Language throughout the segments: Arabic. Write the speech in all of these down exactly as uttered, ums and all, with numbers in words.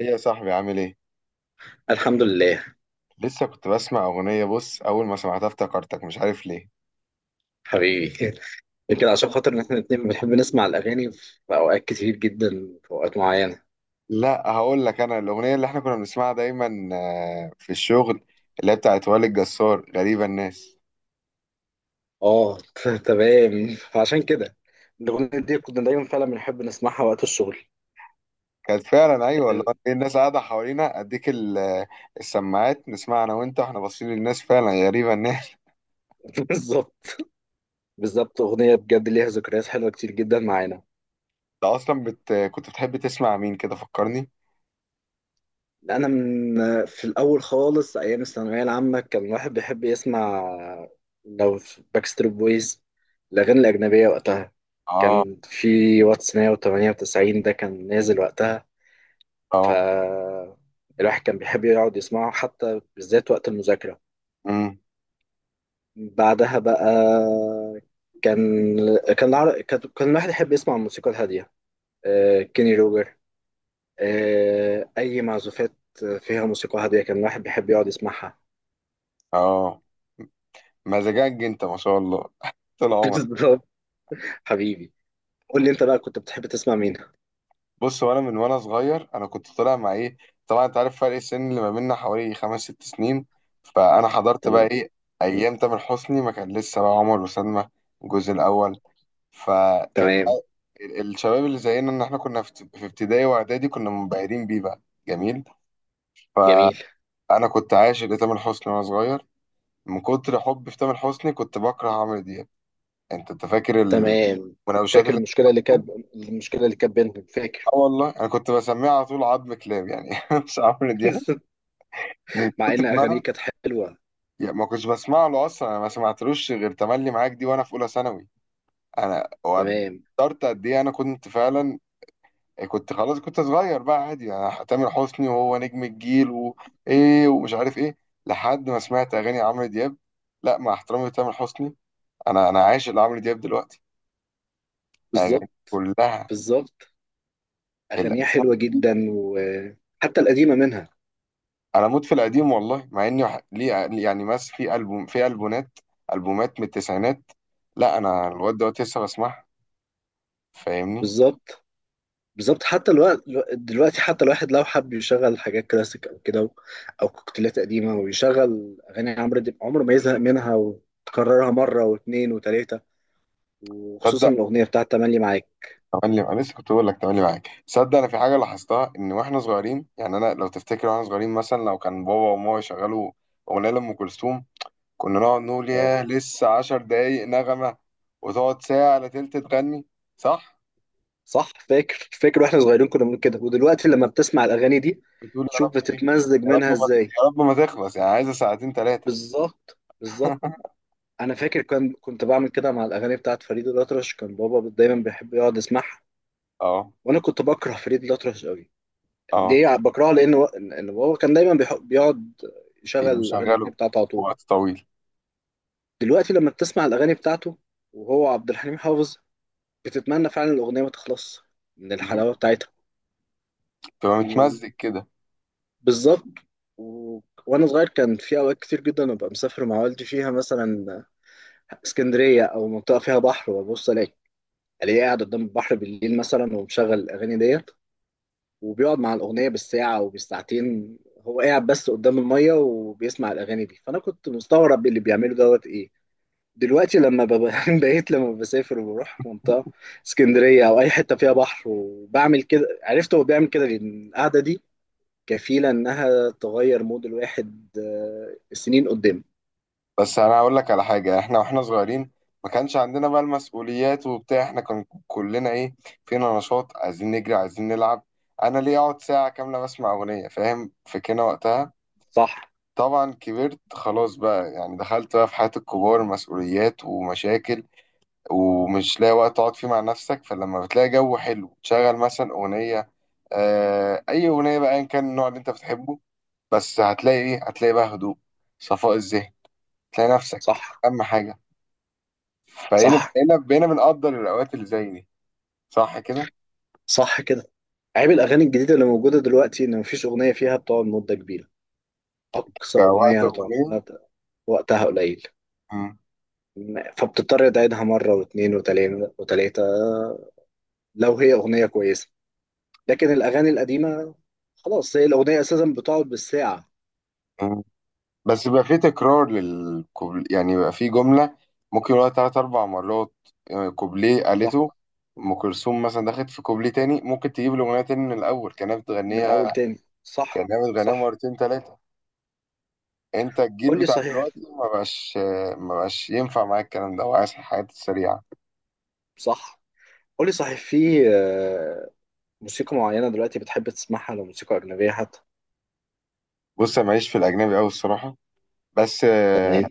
ايه يا صاحبي عامل ايه؟ الحمد لله. لسه كنت بسمع اغنية. بص، اول ما سمعتها افتكرتك، مش عارف ليه. حبيبي خير. كده عشان خاطر ان احنا الاتنين بنحب نسمع الاغاني في اوقات كتير جدا، في اوقات معينه. لا هقول لك، انا الاغنية اللي احنا كنا بنسمعها دايما آه، في الشغل، اللي هي بتاعت وائل الجسار، غريبة الناس. اه، ت- تمام فعشان كده الاغنيه دي كنا دايما فعلا بنحب نسمعها وقت الشغل. كانت فعلا، ايوه والله. إيه الناس قاعدة حوالينا، اديك ال- آه، السماعات، نسمع انا وانت، واحنا باصين للناس، فعلا غريبة الناس. بالظبط، بالظبط. اغنيه بجد ليها ذكريات حلوه كتير جدا معانا. انت اصلا بت... كنت بتحب تسمع مين؟ كده فكرني. انا من في الاول خالص ايام الثانويه العامه كان الواحد بيحب يسمع لو باكستريت بويز، الاغاني الاجنبيه وقتها. اه. كان في واتس مية وتمانية وتسعين ده كان نازل وقتها، اه. فالواحد كان بيحب يقعد يسمعه حتى بالذات وقت المذاكرة. امم بعدها بقى كان كان العر... كان كان الواحد يحب يسمع الموسيقى الهادية. آه، كيني روجر، آه، أي معزوفات فيها موسيقى هادية كان الواحد بيحب يقعد يسمعها. اه. مزاجك انت ما شاء الله، طول عمرك. بالظبط. حبيبي، قول لي أنت بقى كنت بتحب تسمع مين؟ بص، وانا من وانا صغير، انا كنت طالع مع ايه؟ طبعا انت عارف فرق السن اللي ما بيننا حوالي خمس ست سنين، فانا حضرت بقى تمام. ايه، ايام تامر حسني ما كان لسه، بقى عمر وسلمى الجزء الاول. فكان تمام. بقى ال- الشباب اللي زينا، ان احنا كنا في في ابتدائي واعدادي كنا منبهرين بيه بقى. جميل. جميل. فانا كنت عاشق لتامر حسني وانا صغير. من كتر حبي في تامر حسني كنت بكره عمرو دياب. انت انت فاكر تمام. المناوشات فاكر اللي، المشكلة اللي كانت المشكلة اللي كانت بينهم؟ اه فاكر. والله انا كنت بسميها على طول عظم كلاب، يعني مش عمرو دياب، من مع كتر إن ما أغانيه انا، كانت حلوة. يعني ما كنتش بسمع له اصلا. انا ما سمعتلوش غير تملي معاك دي وانا في اولى ثانوي. انا تمام. وقدرت قد ايه، انا كنت فعلا، كنت خلاص، كنت صغير بقى، عادي يعني تامر حسني وهو نجم الجيل وايه ومش عارف ايه. لحد ما سمعت اغاني عمرو دياب، لا، مع احترامي لتامر حسني، انا انا عاشق لعمرو دياب دلوقتي. اغاني بالظبط، كلها بالظبط. الألبوم أغانيها حلوة الجديدة. جدا، وحتى القديمة منها. انا موت في القديم والله، مع اني وح- ليه يعني، مس في البوم في البومات، البومات من التسعينات. لا انا الواد دوت لسه بسمعها، فاهمني. بالظبط، بالظبط، حتى الوقت. دلوقتي حتى الواحد لو حب يشغل حاجات كلاسيك أو كده، أو كوكتيلات قديمة، ويشغل أغاني عمرو دياب، عمره ما يزهق منها وتكررها مرة واتنين وتلاتة، وخصوصا صدق، الأغنية بتاعت تملي معاك. تملي، انا لسه كنت بقول لك تملي معاك. صدق انا في حاجه لاحظتها، ان واحنا صغيرين، يعني انا لو تفتكر واحنا صغيرين، مثلا لو كان بابا وماما يشغلوا اغنيه لام كلثوم، كنا نقعد نقول اه. ياه، لسه عشر دقايق نغمه، وتقعد ساعه الا تلت تغني. صح، صح، فاكر، فاكر، واحنا صغيرين كنا بنقول كده، ودلوقتي لما بتسمع الأغاني دي بتقول يا شوف رب ايه، بتتمزج يا رب منها ما، ازاي. يا رب ما تخلص، يعني عايزه ساعتين ثلاثه. بالظبط، بالظبط. انا فاكر كان كنت بعمل كده مع الاغاني بتاعت فريد الأطرش، كان بابا دايما بيحب يقعد يسمعها. اه. وانا كنت بكره فريد الأطرش قوي. اه. ليه بكرهه؟ لان و- ان بابا كان دايما بيح- بيقعد يشغل يبقوا الاغاني مشغله بتاعته على طول. وقت طويل. دلوقتي لما بتسمع الاغاني بتاعته، وهو عبد الحليم حافظ، بتتمنى فعلا الاغنيه ما تخلص من مم. الحلاوه بتاعتها. تبقى متمزق وبالظبط. كده. و... وانا صغير كان في اوقات كتير جدا ابقى مسافر مع والدي فيها مثلا اسكندريه او منطقه فيها بحر، وابص الاقي الاقيه قاعد قدام البحر بالليل مثلا، ومشغل الاغاني ديت، وبيقعد مع الاغنيه بالساعه وبالساعتين، هو قاعد بس قدام الميه وبيسمع الاغاني دي. فانا كنت مستغرب اللي بيعمله دوت ايه. دلوقتي لما ببقى- بقيت لما بسافر وبروح منطقه اسكندريه او اي حته فيها بحر وبعمل كده، عرفت هو بيعمل كده لان القعده دي كفيله انها تغير مود الواحد آه، سنين قدام. بس انا اقول لك على حاجه، احنا واحنا صغيرين ما كانش عندنا بقى المسؤوليات وبتاع، احنا كان كلنا ايه، فينا نشاط، عايزين نجري، عايزين نلعب. انا ليه اقعد ساعه كامله بسمع اغنيه؟ فاهم، فكنا وقتها، صح. طبعا كبرت خلاص بقى، يعني دخلت بقى في حياه الكبار، مسؤوليات ومشاكل، ومش لاقي وقت تقعد فيه مع نفسك. فلما بتلاقي جو حلو تشغل مثلا اغنيه، آه اي اغنيه بقى، ان كان النوع اللي انت بتحبه، بس هتلاقي ايه، هتلاقي بقى هدوء، صفاء الذهن، تلاقي نفسك، صح. اهم حاجه. فبقينا صح. بقينا بقينا بنقدر الأوقات اللي زي دي. صح كده؟ صح كده. عيب الاغاني الجديده اللي موجوده دلوقتي ان مفيش اغنيه فيها بتقعد مده كبيره. أقصى كوقت أغنية هتقعد أغنية. لها ده- وقتها قليل. مم. م- فبتضطر تعيدها مرة واتنين وتلاتة وتلاتة لو هي أغنية كويسة. لكن الأغاني القديمة، خلاص هي الأغنية أساسا بتقعد بالساعة. مم. بس بيبقى فيه تكرار للكوبل، يعني بيبقى فيه جملة ممكن يقولها تلات أربع مرات، آه، كوبليه صح. قالته. أم كلثوم مثلا دخلت في كوبليه تاني، ممكن تجيب الأغنية تاني من الأول كأنها من أول بتغنيها، تاني. صح، كأنها بتغنيها صح. مرتين تلاتة. أنت الجيل قول لي بتاع صحيح. دلوقتي ما بقاش، آه، ما بقاش ينفع معاك الكلام ده، وعايز الحاجات السريعة. صح. قول لي صحيح، في آه، موسيقى معينة دلوقتي بتحب تسمعها؟ لو موسيقى أجنبية حتى. بص أنا ماليش في الأجنبي أوي الصراحة، بس آه، تمام.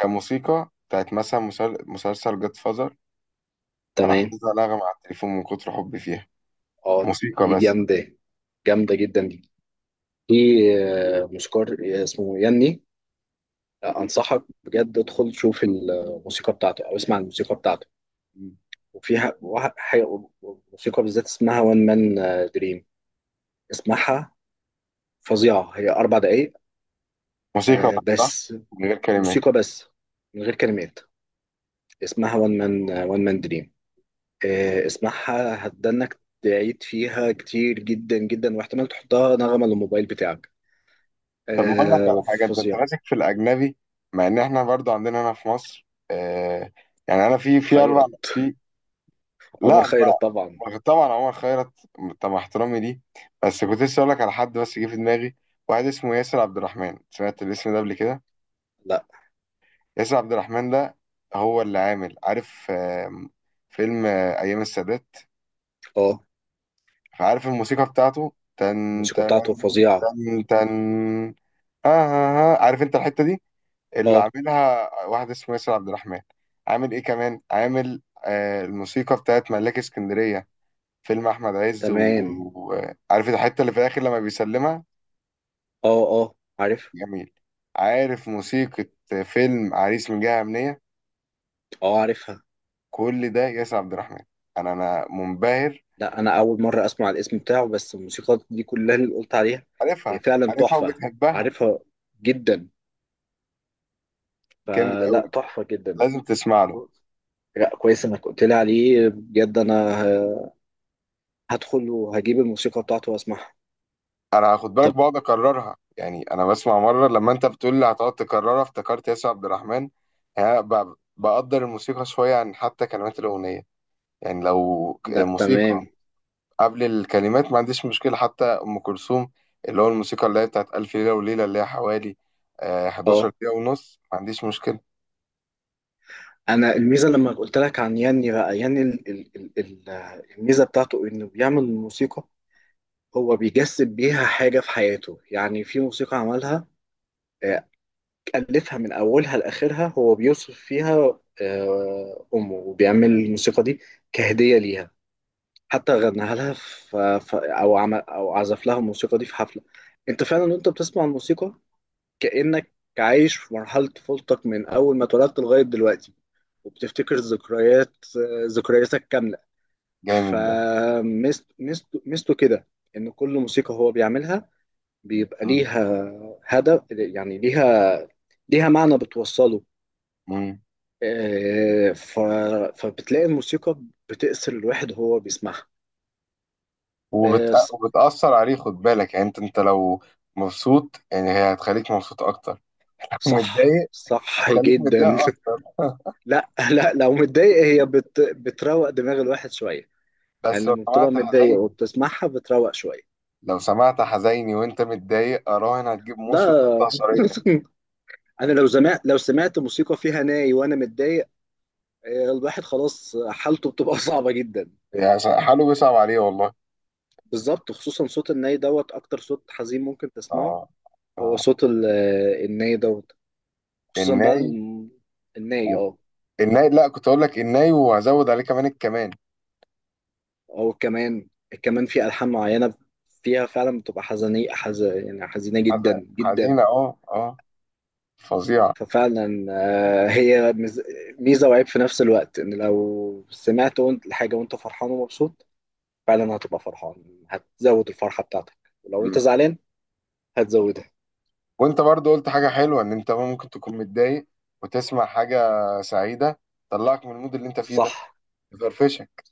كموسيقى بتاعت مثلا مسل- مسلسل جاد فازر. انا تمام. حافظها نغمة على التليفون من كتر حبي فيها، اه، موسيقى دي بس. جامدة. جامدة جدا دي. في آه، موسيقار اسمه ياني، انصحك بجد ادخل شوف الموسيقى بتاعته او اسمع الموسيقى بتاعته. مم. وفيها واحد حاجه موسيقى بالذات اسمها وان مان دريم، اسمعها فظيعه، هي اربع دقايق. موسيقى آه، بس، صح، بس من غير كلمات. موسيقى بس، من غير كلمات، اسمها وان مان وان مان دريم. اسمعها، هتدنك تعيد فيها كتير جدا جدا، واحتمال تحطها نغمه للموبايل بتاعك. طب ما اقول لك آه، على حاجة، انت انت فظيع ماسك في الاجنبي، مع ان احنا برضو عندنا هنا في مصر آه، يعني انا في في اربع خيرت في، عمر لا ما، خيرت طبعا. ما- طبعا عمر خيرت. طب مع احترامي ليه، بس كنت لسه اقول لك على حد، بس جه في دماغي، واحد اسمه ياسر عبد الرحمن، سمعت الاسم ده قبل كده؟ لا. ياسر عبد الرحمن ده، هو اللي عامل، عارف آم، فيلم آه، أيام السادات؟ اه. فعارف الموسيقى بتاعته، تن الموسيقى تن، بتاعته فظيعه. تن تن، آه, آه, آه. عارف أنت الحتة دي، اللي اه. عاملها واحد اسمه ياسر عبد الرحمن. عامل إيه كمان، عامل آه الموسيقى بتاعت ملاك اسكندرية، فيلم أحمد عز، تمام. وعارف الحتة اللي في الآخر لما بيسلمها؟ اه، اه، عارف. جميل. عارف موسيقى فيلم عريس من جهة أمنية؟ اه، عارفها. كل ده ياسر عبد الرحمن. انا انا منبهر. لا، انا اول مره اسمع الاسم بتاعه، بس الموسيقى دي كلها اللي قلت عليها هي عارفها. فعلا عارفها تحفه. وبتحبها. عارفها جدا، جامد فلا قوي، تحفه جدا. لازم تسمع له. كو- لا كويس انك قلت لي عليه بجد، انا ه- هدخل وهجيب الموسيقى بتاعته واسمعها. انا خد بالك طب. بقعد اكررها، يعني انا بسمع مره، لما انت بتقول لي هتقعد تكررها افتكرت ياسر عبد الرحمن. ها، ب- بقدر الموسيقى شويه عن حتى كلمات الاغنيه، يعني لو ك- لا، موسيقى تمام. قبل الكلمات ما عنديش مشكله. حتى ام كلثوم، اللي هو الموسيقى اللي هي بتاعت الف ليله وليله، اللي هي حوالي آه، حداشر اه. دقيقه ونص، ما عنديش مشكله. انا الميزه لما قلت لك عن ياني بقى، ياني ال ال ال ال الميزه بتاعته انه بيعمل الموسيقى، هو بيجسد بيها حاجه في حياته. يعني في موسيقى عملها، ألفها من أولها لآخرها، هو بيوصف فيها آه، أمه وبيعمل الموسيقى دي كهدية ليها، حتى غناها لها في في- أو عمل أو عزف لها الموسيقى دي في حفلة. أنت فعلا وأنت بتسمع الموسيقى كأنك عايش في مرحلة طفولتك من أول ما اتولدت لغاية دلوقتي، وبتفتكر ذكريات، آه، ذكرياتك كاملة. جامد ده. فميزته كده، إن كل موسيقى هو بيعملها بيبقى مم. ليها هدف، يعني ليها، ليها معنى بتوصله. مم. آه، ف... فبتلاقي الموسيقى بتأثر الواحد وهو بيسمعها. وبت... آه، ص- وبتأثر عليه، خد بالك، يعني انت انت لو مبسوط يعني هي هتخليك مبسوط اكتر، لو صح متضايق صح هتخليك جدا. متضايق اكتر. لا، لا، لو متضايق هي بت... بتروق دماغ الواحد شوية. يعني بس لو لما بتبقى سمعت متضايق حزيني، وبتسمعها بتروق شوية. لو سمعت حزيني وانت متضايق، اراهن هتجيب لا. موس وتقطع شرايينك. انا لو سمعت، لو سمعت موسيقى فيها ناي وانا متضايق، آه، الواحد خلاص حالته بتبقى صعبة جدا. يعني حاله بيصعب عليه والله. بالظبط، خصوصا صوت الناي دوت اكتر صوت حزين ممكن تسمعه. اه. هو اه. صوت ال- الناي دوت، خصوصا بقى الناي. الم- الناي. و... اه. الناي، لا كنت اقول لك الناي، وهزود عليه كمان الكمان. او كمان، كمان في ألحان معينة فيها فعلا بتبقى حزينية حز... يعني حزينة جدا حز- جدا. حزينة، اه اه، فظيعة. ففعلا، آه، هي مز- ميزة وعيب في نفس الوقت، ان لو سمعت وانت الحاجة وانت فرحان ومبسوط فعلا هتبقى فرحان، هتزود الفرحة بتاعتك. ولو انت زعلان هتزودها. وانت برضو قلت حاجة حلوة، ان انت ممكن تكون متضايق وتسمع حاجة سعيدة، تطلعك من المود اللي انت فيه ده، صح، تفرفشك.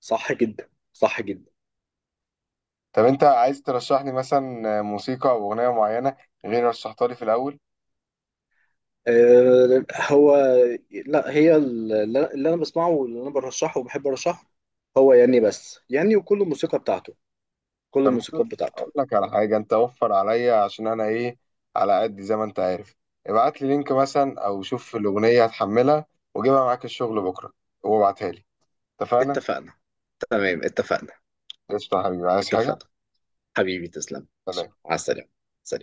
صح جدا، صح جدا. طب انت عايز ترشح لي مثلا موسيقى او اغنية معينة غير رشحتها لي في الاول؟ آه، هو لا هي، اللي اللي انا بسمعه واللي انا برشحه وبحب ارشحه هو ياني بس. ياني وكل الموسيقى بتاعته، كل الموسيقى بتاعته. اقول لك على حاجة، انت وفر عليا، عشان انا ايه، على قد زي ما انت عارف، ابعت لي لينك مثلا، او شوف الاغنية هتحملها وجيبها معاك الشغل بكرة، وابعتها لي. اتفقنا؟ اتفقنا. تمام، اتفقنا. قشطة يا حبيبي، عايز حاجة؟ اتفقنا. حبيبي، تسلم. سلام. على السلامة. سلام.